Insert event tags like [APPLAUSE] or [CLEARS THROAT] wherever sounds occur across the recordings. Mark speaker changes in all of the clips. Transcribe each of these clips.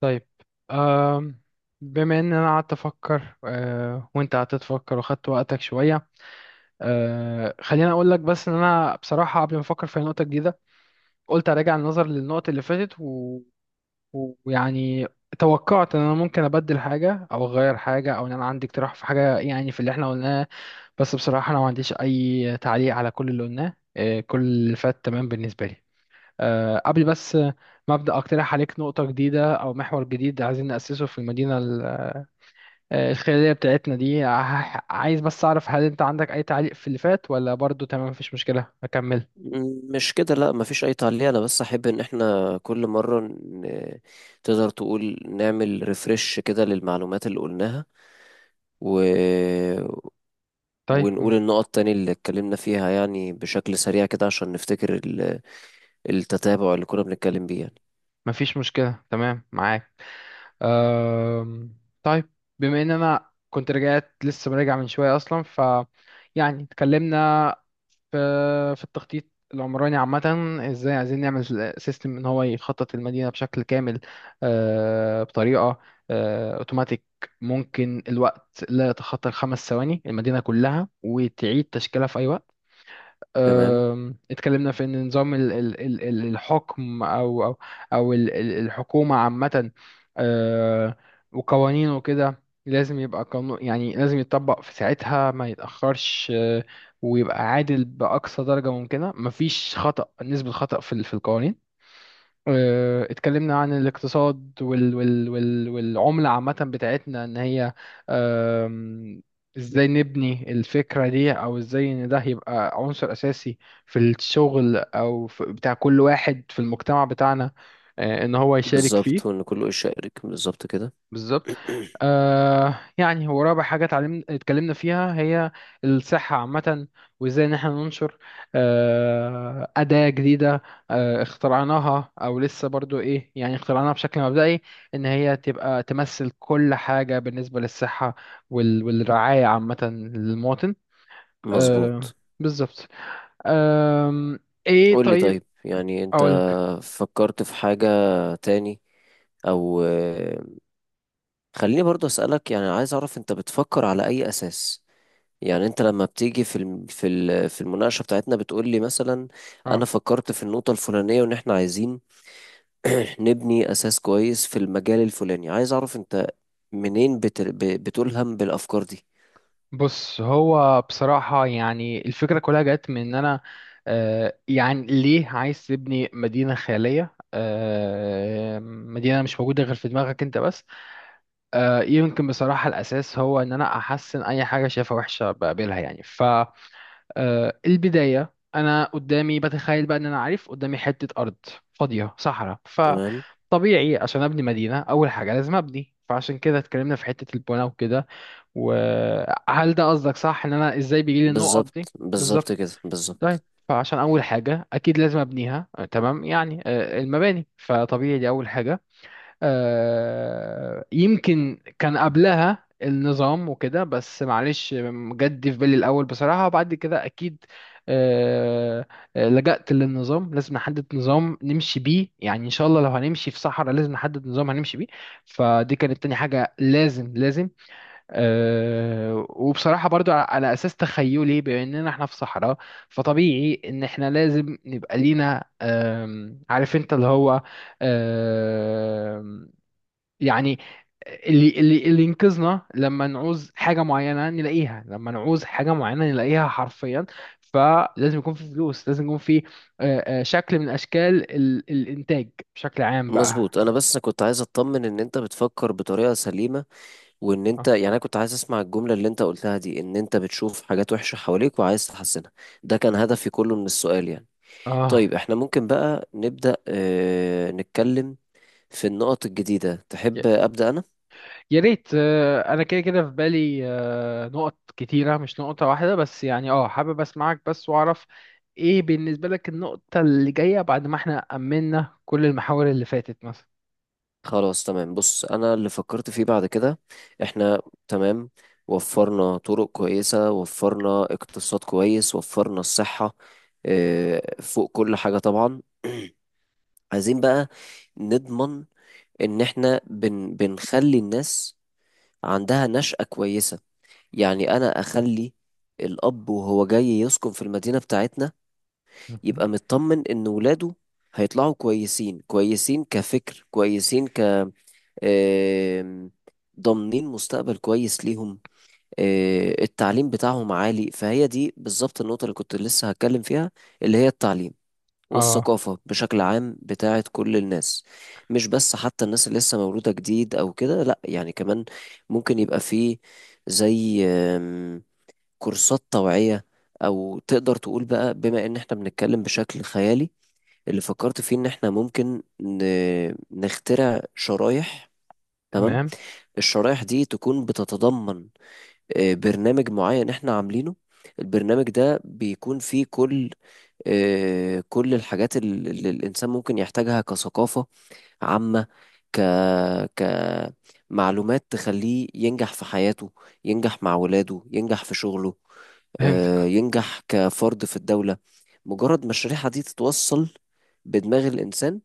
Speaker 1: طيب. آم، بما ان انا قعدت افكر وانت قعدت تفكر واخدت وقتك شويه. خليني اقول لك بس ان انا بصراحه قبل ما افكر في نقطه جديده قلت اراجع النظر للنقط اللي فاتت ويعني توقعت ان انا ممكن ابدل حاجه او اغير حاجه او ان انا عندي اقتراح في حاجه يعني في اللي احنا قلناه. بس بصراحه انا ما عنديش اي تعليق على كل اللي قلناه، كل اللي فات تمام بالنسبه لي. قبل بس ما أبدأ أقترح عليك نقطة جديدة أو محور جديد عايزين نأسسه في المدينة الخيرية بتاعتنا دي، عايز بس أعرف هل أنت عندك أي تعليق في اللي فات ولا برضو تمام مفيش مشكلة أكمل؟
Speaker 2: مش كده، لا، مفيش اي تعليق. انا بس احب ان احنا كل مرة تقدر تقول نعمل ريفرش كده للمعلومات اللي قلناها، و...
Speaker 1: طيب.
Speaker 2: ونقول النقط تاني اللي اتكلمنا فيها، يعني بشكل سريع كده عشان نفتكر التتابع اللي كنا بنتكلم بيه يعني.
Speaker 1: مفيش مشكلة تمام معاك. أم، طيب. بما ان انا كنت رجعت لسه راجع من شويه اصلا يعني اتكلمنا في في التخطيط العمراني عامه. ازاي عايزين نعمل سيستم ان هو يخطط المدينه بشكل كامل، بطريقه اوتوماتيك. ممكن الوقت لا يتخطى الخمس ثواني المدينه كلها وتعيد تشكيلها في اي وقت.
Speaker 2: تمام.
Speaker 1: اتكلمنا في ان نظام الحكم او الحكومه عامه، آه، وقوانينه وكده. لازم يبقى قانون يعني لازم يتطبق في ساعتها ما يتاخرش. ويبقى عادل باقصى درجه ممكنه مفيش خطا، نسبه خطا في القوانين. اتكلمنا عن الاقتصاد والعملة عامة بتاعتنا، ان هي... آم، ازاي نبني الفكرة دي او ازاي ان ده يبقى عنصر اساسي في الشغل او في بتاع كل واحد في المجتمع بتاعنا، ان هو يشارك
Speaker 2: بالظبط،
Speaker 1: فيه.
Speaker 2: وان كله يشارك بالظبط كده.
Speaker 1: بالظبط.
Speaker 2: [CLEARS THROAT]
Speaker 1: يعني هو رابع حاجة اتكلمنا فيها هي الصحة عامة. وازاي ان احنا ننشر أداة جديدة اخترعناها او لسه برضو ايه يعني اخترعناها بشكل مبدئي، ان هي تبقى تمثل كل حاجة بالنسبة للصحة والرعاية عامة للمواطن. آه
Speaker 2: مظبوط.
Speaker 1: بالظبط. آم، ايه
Speaker 2: قول لي،
Speaker 1: طيب.
Speaker 2: طيب يعني انت
Speaker 1: اقولك.
Speaker 2: فكرت في حاجة تاني؟ او خليني برضه أسألك، يعني عايز أعرف أنت بتفكر على أي أساس. يعني أنت لما بتيجي في في المناقشة بتاعتنا بتقول لي مثلا أنا فكرت في النقطة الفلانية وإن إحنا عايزين [CLEARS THROAT] نبني أساس كويس في المجال الفلاني. عايز أعرف أنت منين بتلهم بالأفكار دي.
Speaker 1: بص هو بصراحة يعني الفكرة كلها جت من إن أنا، يعني ليه عايز تبني مدينة خيالية، مدينة مش موجودة غير في دماغك أنت بس. يمكن بصراحة الأساس هو إن أنا أحسن أي حاجة شايفها وحشة بقابلها يعني. فالبداية أنا قدامي بتخيل بقى إن أنا عارف قدامي حتة أرض فاضية صحراء.
Speaker 2: تمام،
Speaker 1: فطبيعي عشان أبني مدينة أول حاجة لازم أبني، فعشان كده اتكلمنا في حتة البناء وكده. وهل ده قصدك؟ صح، ان انا ازاي بيجي لي النقط دي.
Speaker 2: بالظبط بالظبط
Speaker 1: بالظبط.
Speaker 2: كده،
Speaker 1: طيب،
Speaker 2: بالظبط.
Speaker 1: فعشان اول حاجه اكيد لازم ابنيها، تمام يعني. المباني فطبيعي دي اول حاجه. يمكن كان قبلها النظام وكده بس معلش، جد في بالي الاول بصراحه. وبعد كده اكيد آه، لجأت للنظام. لازم نحدد نظام نمشي بيه، يعني ان شاء الله لو هنمشي في صحراء لازم نحدد نظام هنمشي بيه. فدي كانت تاني حاجه لازم لازم. وبصراحة برضو على أساس تخيلي بأننا احنا في صحراء. فطبيعي إن احنا لازم نبقى لينا، عارف انت اللي هو... أم، يعني اللي ينقذنا لما نعوز حاجة معينة نلاقيها، لما نعوز حاجة معينة نلاقيها حرفيا. فلازم يكون في فلوس، لازم يكون في أه، أه، شكل من أشكال الإنتاج بشكل عام بقى.
Speaker 2: مظبوط. أنا بس كنت عايز أطمن إن أنت بتفكر بطريقة سليمة، وان انت،
Speaker 1: اه.
Speaker 2: يعني انا كنت عايز اسمع الجملة اللي انت قلتها دي، ان انت بتشوف حاجات وحشة حواليك وعايز تحسنها. ده كان هدفي كله من السؤال يعني.
Speaker 1: آه.
Speaker 2: طيب احنا ممكن بقى نبدأ، اه، نتكلم في النقط الجديدة. تحب أبدأ انا؟
Speaker 1: يا ريت. انا كده كده في بالي نقط كتيره، مش نقطه واحده بس يعني. اه حابب اسمعك بس واعرف ايه بالنسبه لك النقطه اللي جايه، بعد ما احنا امنا كل المحاور اللي فاتت مثلا.
Speaker 2: خلاص تمام. بص، انا اللي فكرت فيه بعد كده، احنا تمام، وفرنا طرق كويسة، وفرنا اقتصاد كويس، وفرنا الصحة، اه، فوق كل حاجة طبعا. [CLEARS THROAT] عايزين بقى نضمن ان احنا بنخلي الناس عندها نشأة كويسة. يعني أنا أخلي الأب وهو جاي يسكن في المدينة بتاعتنا
Speaker 1: مهم.
Speaker 2: يبقى مطمن إن ولاده هيطلعوا كويسين، كويسين كفكر، كويسين، ك آم، ضامنين مستقبل كويس ليهم، التعليم بتاعهم عالي. فهي دي بالظبط النقطة اللي كنت لسه هتكلم فيها، اللي هي التعليم
Speaker 1: اه.
Speaker 2: والثقافة بشكل عام بتاعت كل الناس. مش بس حتى الناس اللي لسه مولودة جديد أو كده، لأ، يعني كمان ممكن يبقى فيه زي كورسات توعية، أو تقدر تقول بقى، بما إن إحنا بنتكلم بشكل خيالي، اللي فكرت فيه إن إحنا ممكن نخترع شرايح. تمام.
Speaker 1: تمام.
Speaker 2: الشرايح دي تكون بتتضمن برنامج معين إحنا عاملينه. البرنامج ده بيكون فيه كل كل الحاجات اللي الإنسان ممكن يحتاجها، كثقافة عامة، ك، كمعلومات تخليه ينجح في حياته، ينجح مع ولاده، ينجح في شغله،
Speaker 1: فهمتك.
Speaker 2: ينجح كفرد في الدولة. مجرد ما الشريحة دي تتوصل بدماغ الإنسان،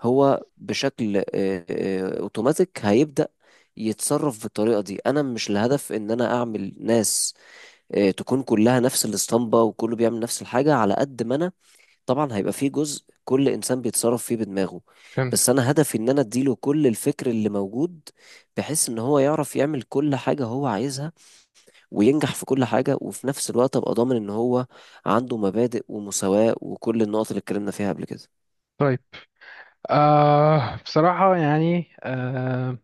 Speaker 2: هو بشكل أوتوماتيك هيبدأ يتصرف بالطريقة دي. أنا مش الهدف إن أنا أعمل ناس تكون كلها نفس الاسطمبة وكله بيعمل نفس الحاجة. على قد ما أنا طبعا هيبقى فيه جزء كل انسان بيتصرف فيه بدماغه،
Speaker 1: فهمتك.
Speaker 2: بس انا هدفي ان انا اديله كل الفكر اللي موجود، بحيث ان هو يعرف يعمل كل حاجة هو عايزها وينجح في كل حاجة، وفي نفس الوقت ابقى ضامن ان هو عنده مبادئ ومساواة وكل النقط اللي اتكلمنا فيها قبل كده.
Speaker 1: طيب بصراحه يعني،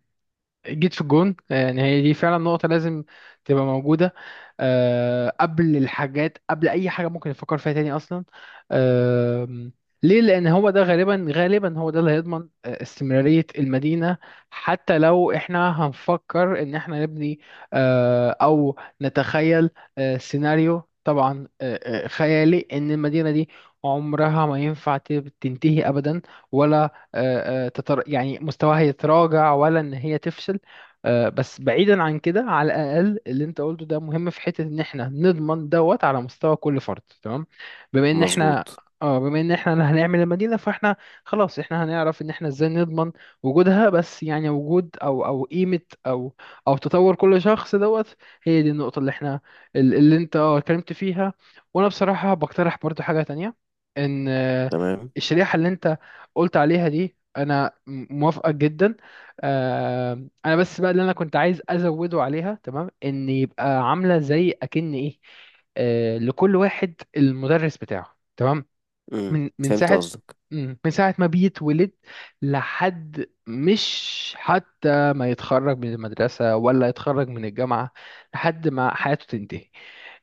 Speaker 1: جيت في الجون. يعني هي دي فعلا نقطة لازم تبقى موجودة قبل الحاجات، قبل أي حاجة ممكن نفكر فيها تاني أصلا. أه ليه؟ لأن هو ده، غالبا غالبا هو ده اللي هيضمن استمرارية المدينة. حتى لو احنا هنفكر إن احنا نبني أو نتخيل سيناريو، طبعا خيالي، إن المدينة دي عمرها ما ينفع تنتهي أبدا. ولا يعني مستواها يتراجع، ولا ان هي تفشل. بس بعيدا عن كده، على الاقل اللي انت قلته ده مهم في حته ان احنا نضمن دوت على مستوى كل فرد، تمام. بما ان احنا
Speaker 2: مظبوط.
Speaker 1: اه بما ان احنا هنعمل المدينه فاحنا... خلاص احنا هنعرف ان احنا ازاي نضمن وجودها، بس يعني وجود او قيمه او او تطور كل شخص دوت. هي دي النقطه اللي احنا اللي انت اتكلمت فيها. وانا بصراحه بقترح برضو حاجه تانية، ان
Speaker 2: تمام.
Speaker 1: الشريحه اللي انت قلت عليها دي انا موافقه جدا. آه، انا بس بقى اللي انا كنت عايز ازوده عليها، تمام، ان يبقى عامله زي اكن ايه، لكل واحد المدرس بتاعه. تمام.
Speaker 2: امم،
Speaker 1: من من
Speaker 2: فهمت
Speaker 1: ساعة
Speaker 2: قصدك.
Speaker 1: مم. من ساعة ما بيتولد، لحد... مش حتى ما يتخرج من المدرسة ولا يتخرج من الجامعة، لحد ما حياته تنتهي.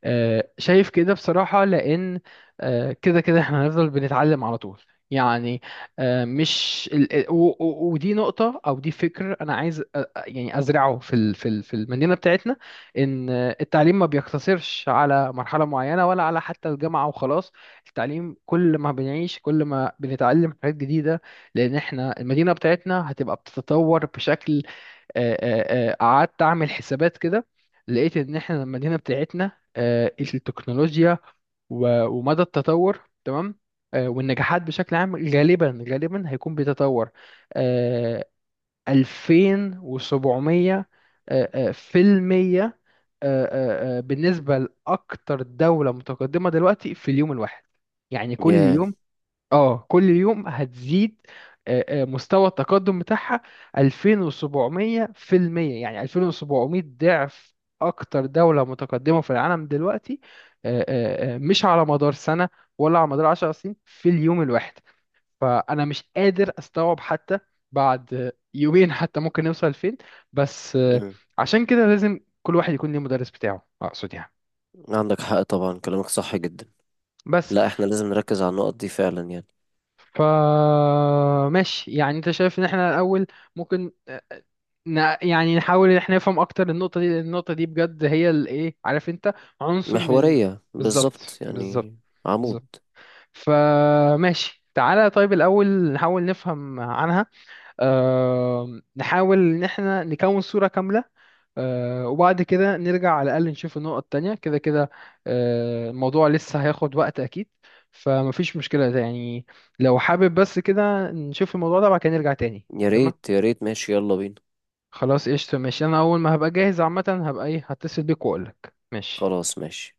Speaker 1: شايف كده بصراحة، لأن كده كده احنا هنفضل بنتعلم على طول يعني. مش ودي نقطة أو دي فكر أنا عايز يعني أزرعه في المدينة بتاعتنا، إن التعليم ما بيقتصرش على مرحلة معينة ولا على حتى الجامعة وخلاص. التعليم كل ما بنعيش كل ما بنتعلم حاجات جديدة، لأن احنا المدينة بتاعتنا هتبقى بتتطور بشكل... قعدت أعمل حسابات كده، لقيت إن احنا المدينة بتاعتنا التكنولوجيا ومدى التطور، تمام، والنجاحات بشكل عام غالبا غالبا هيكون بيتطور آه، 2700 في المية بالنسبة لأكتر دولة متقدمة دلوقتي، في اليوم الواحد. يعني
Speaker 2: يا،
Speaker 1: كل يوم هتزيد مستوى التقدم بتاعها. 2700%، يعني 2700 ضعف اكتر دولة متقدمة في العالم دلوقتي. مش على مدار سنة ولا على مدار 10 سنين، في اليوم الواحد. فانا مش قادر استوعب حتى بعد يومين حتى ممكن نوصل فين. بس،
Speaker 2: امم،
Speaker 1: عشان كده لازم كل واحد يكون ليه مدرس بتاعه، اقصد يعني.
Speaker 2: عندك حق طبعا، كلامك صح جدا.
Speaker 1: بس،
Speaker 2: لا احنا لازم نركز على النقط دي فعلا يعني.
Speaker 1: فماشي يعني. انت شايف ان احنا الاول ممكن يعني نحاول ان احنا نفهم اكتر النقطة دي، لأن النقطة دي بجد هي الايه عارف انت، عنصر من...
Speaker 2: محورية بالظبط
Speaker 1: بالظبط بالظبط
Speaker 2: يعني،
Speaker 1: بالظبط.
Speaker 2: عمود.
Speaker 1: فماشي تعالى، طيب الاول نحاول نفهم عنها، نحاول ان احنا نكون صورة كاملة. وبعد كده نرجع على الأقل نشوف النقط التانية كده كده. الموضوع لسه هياخد وقت أكيد، فمفيش مشكلة ده يعني. لو حابب بس كده نشوف الموضوع ده بعد كده نرجع تاني.
Speaker 2: يا
Speaker 1: تمام.
Speaker 2: ريت يا ريت، ماشي، يلا بينا.
Speaker 1: خلاص قشطة ماشي. أنا أول ما هبقى جاهز عامة هبقى إيه، هتصل بيك وأقولك. ماشي.
Speaker 2: خلاص ماشي.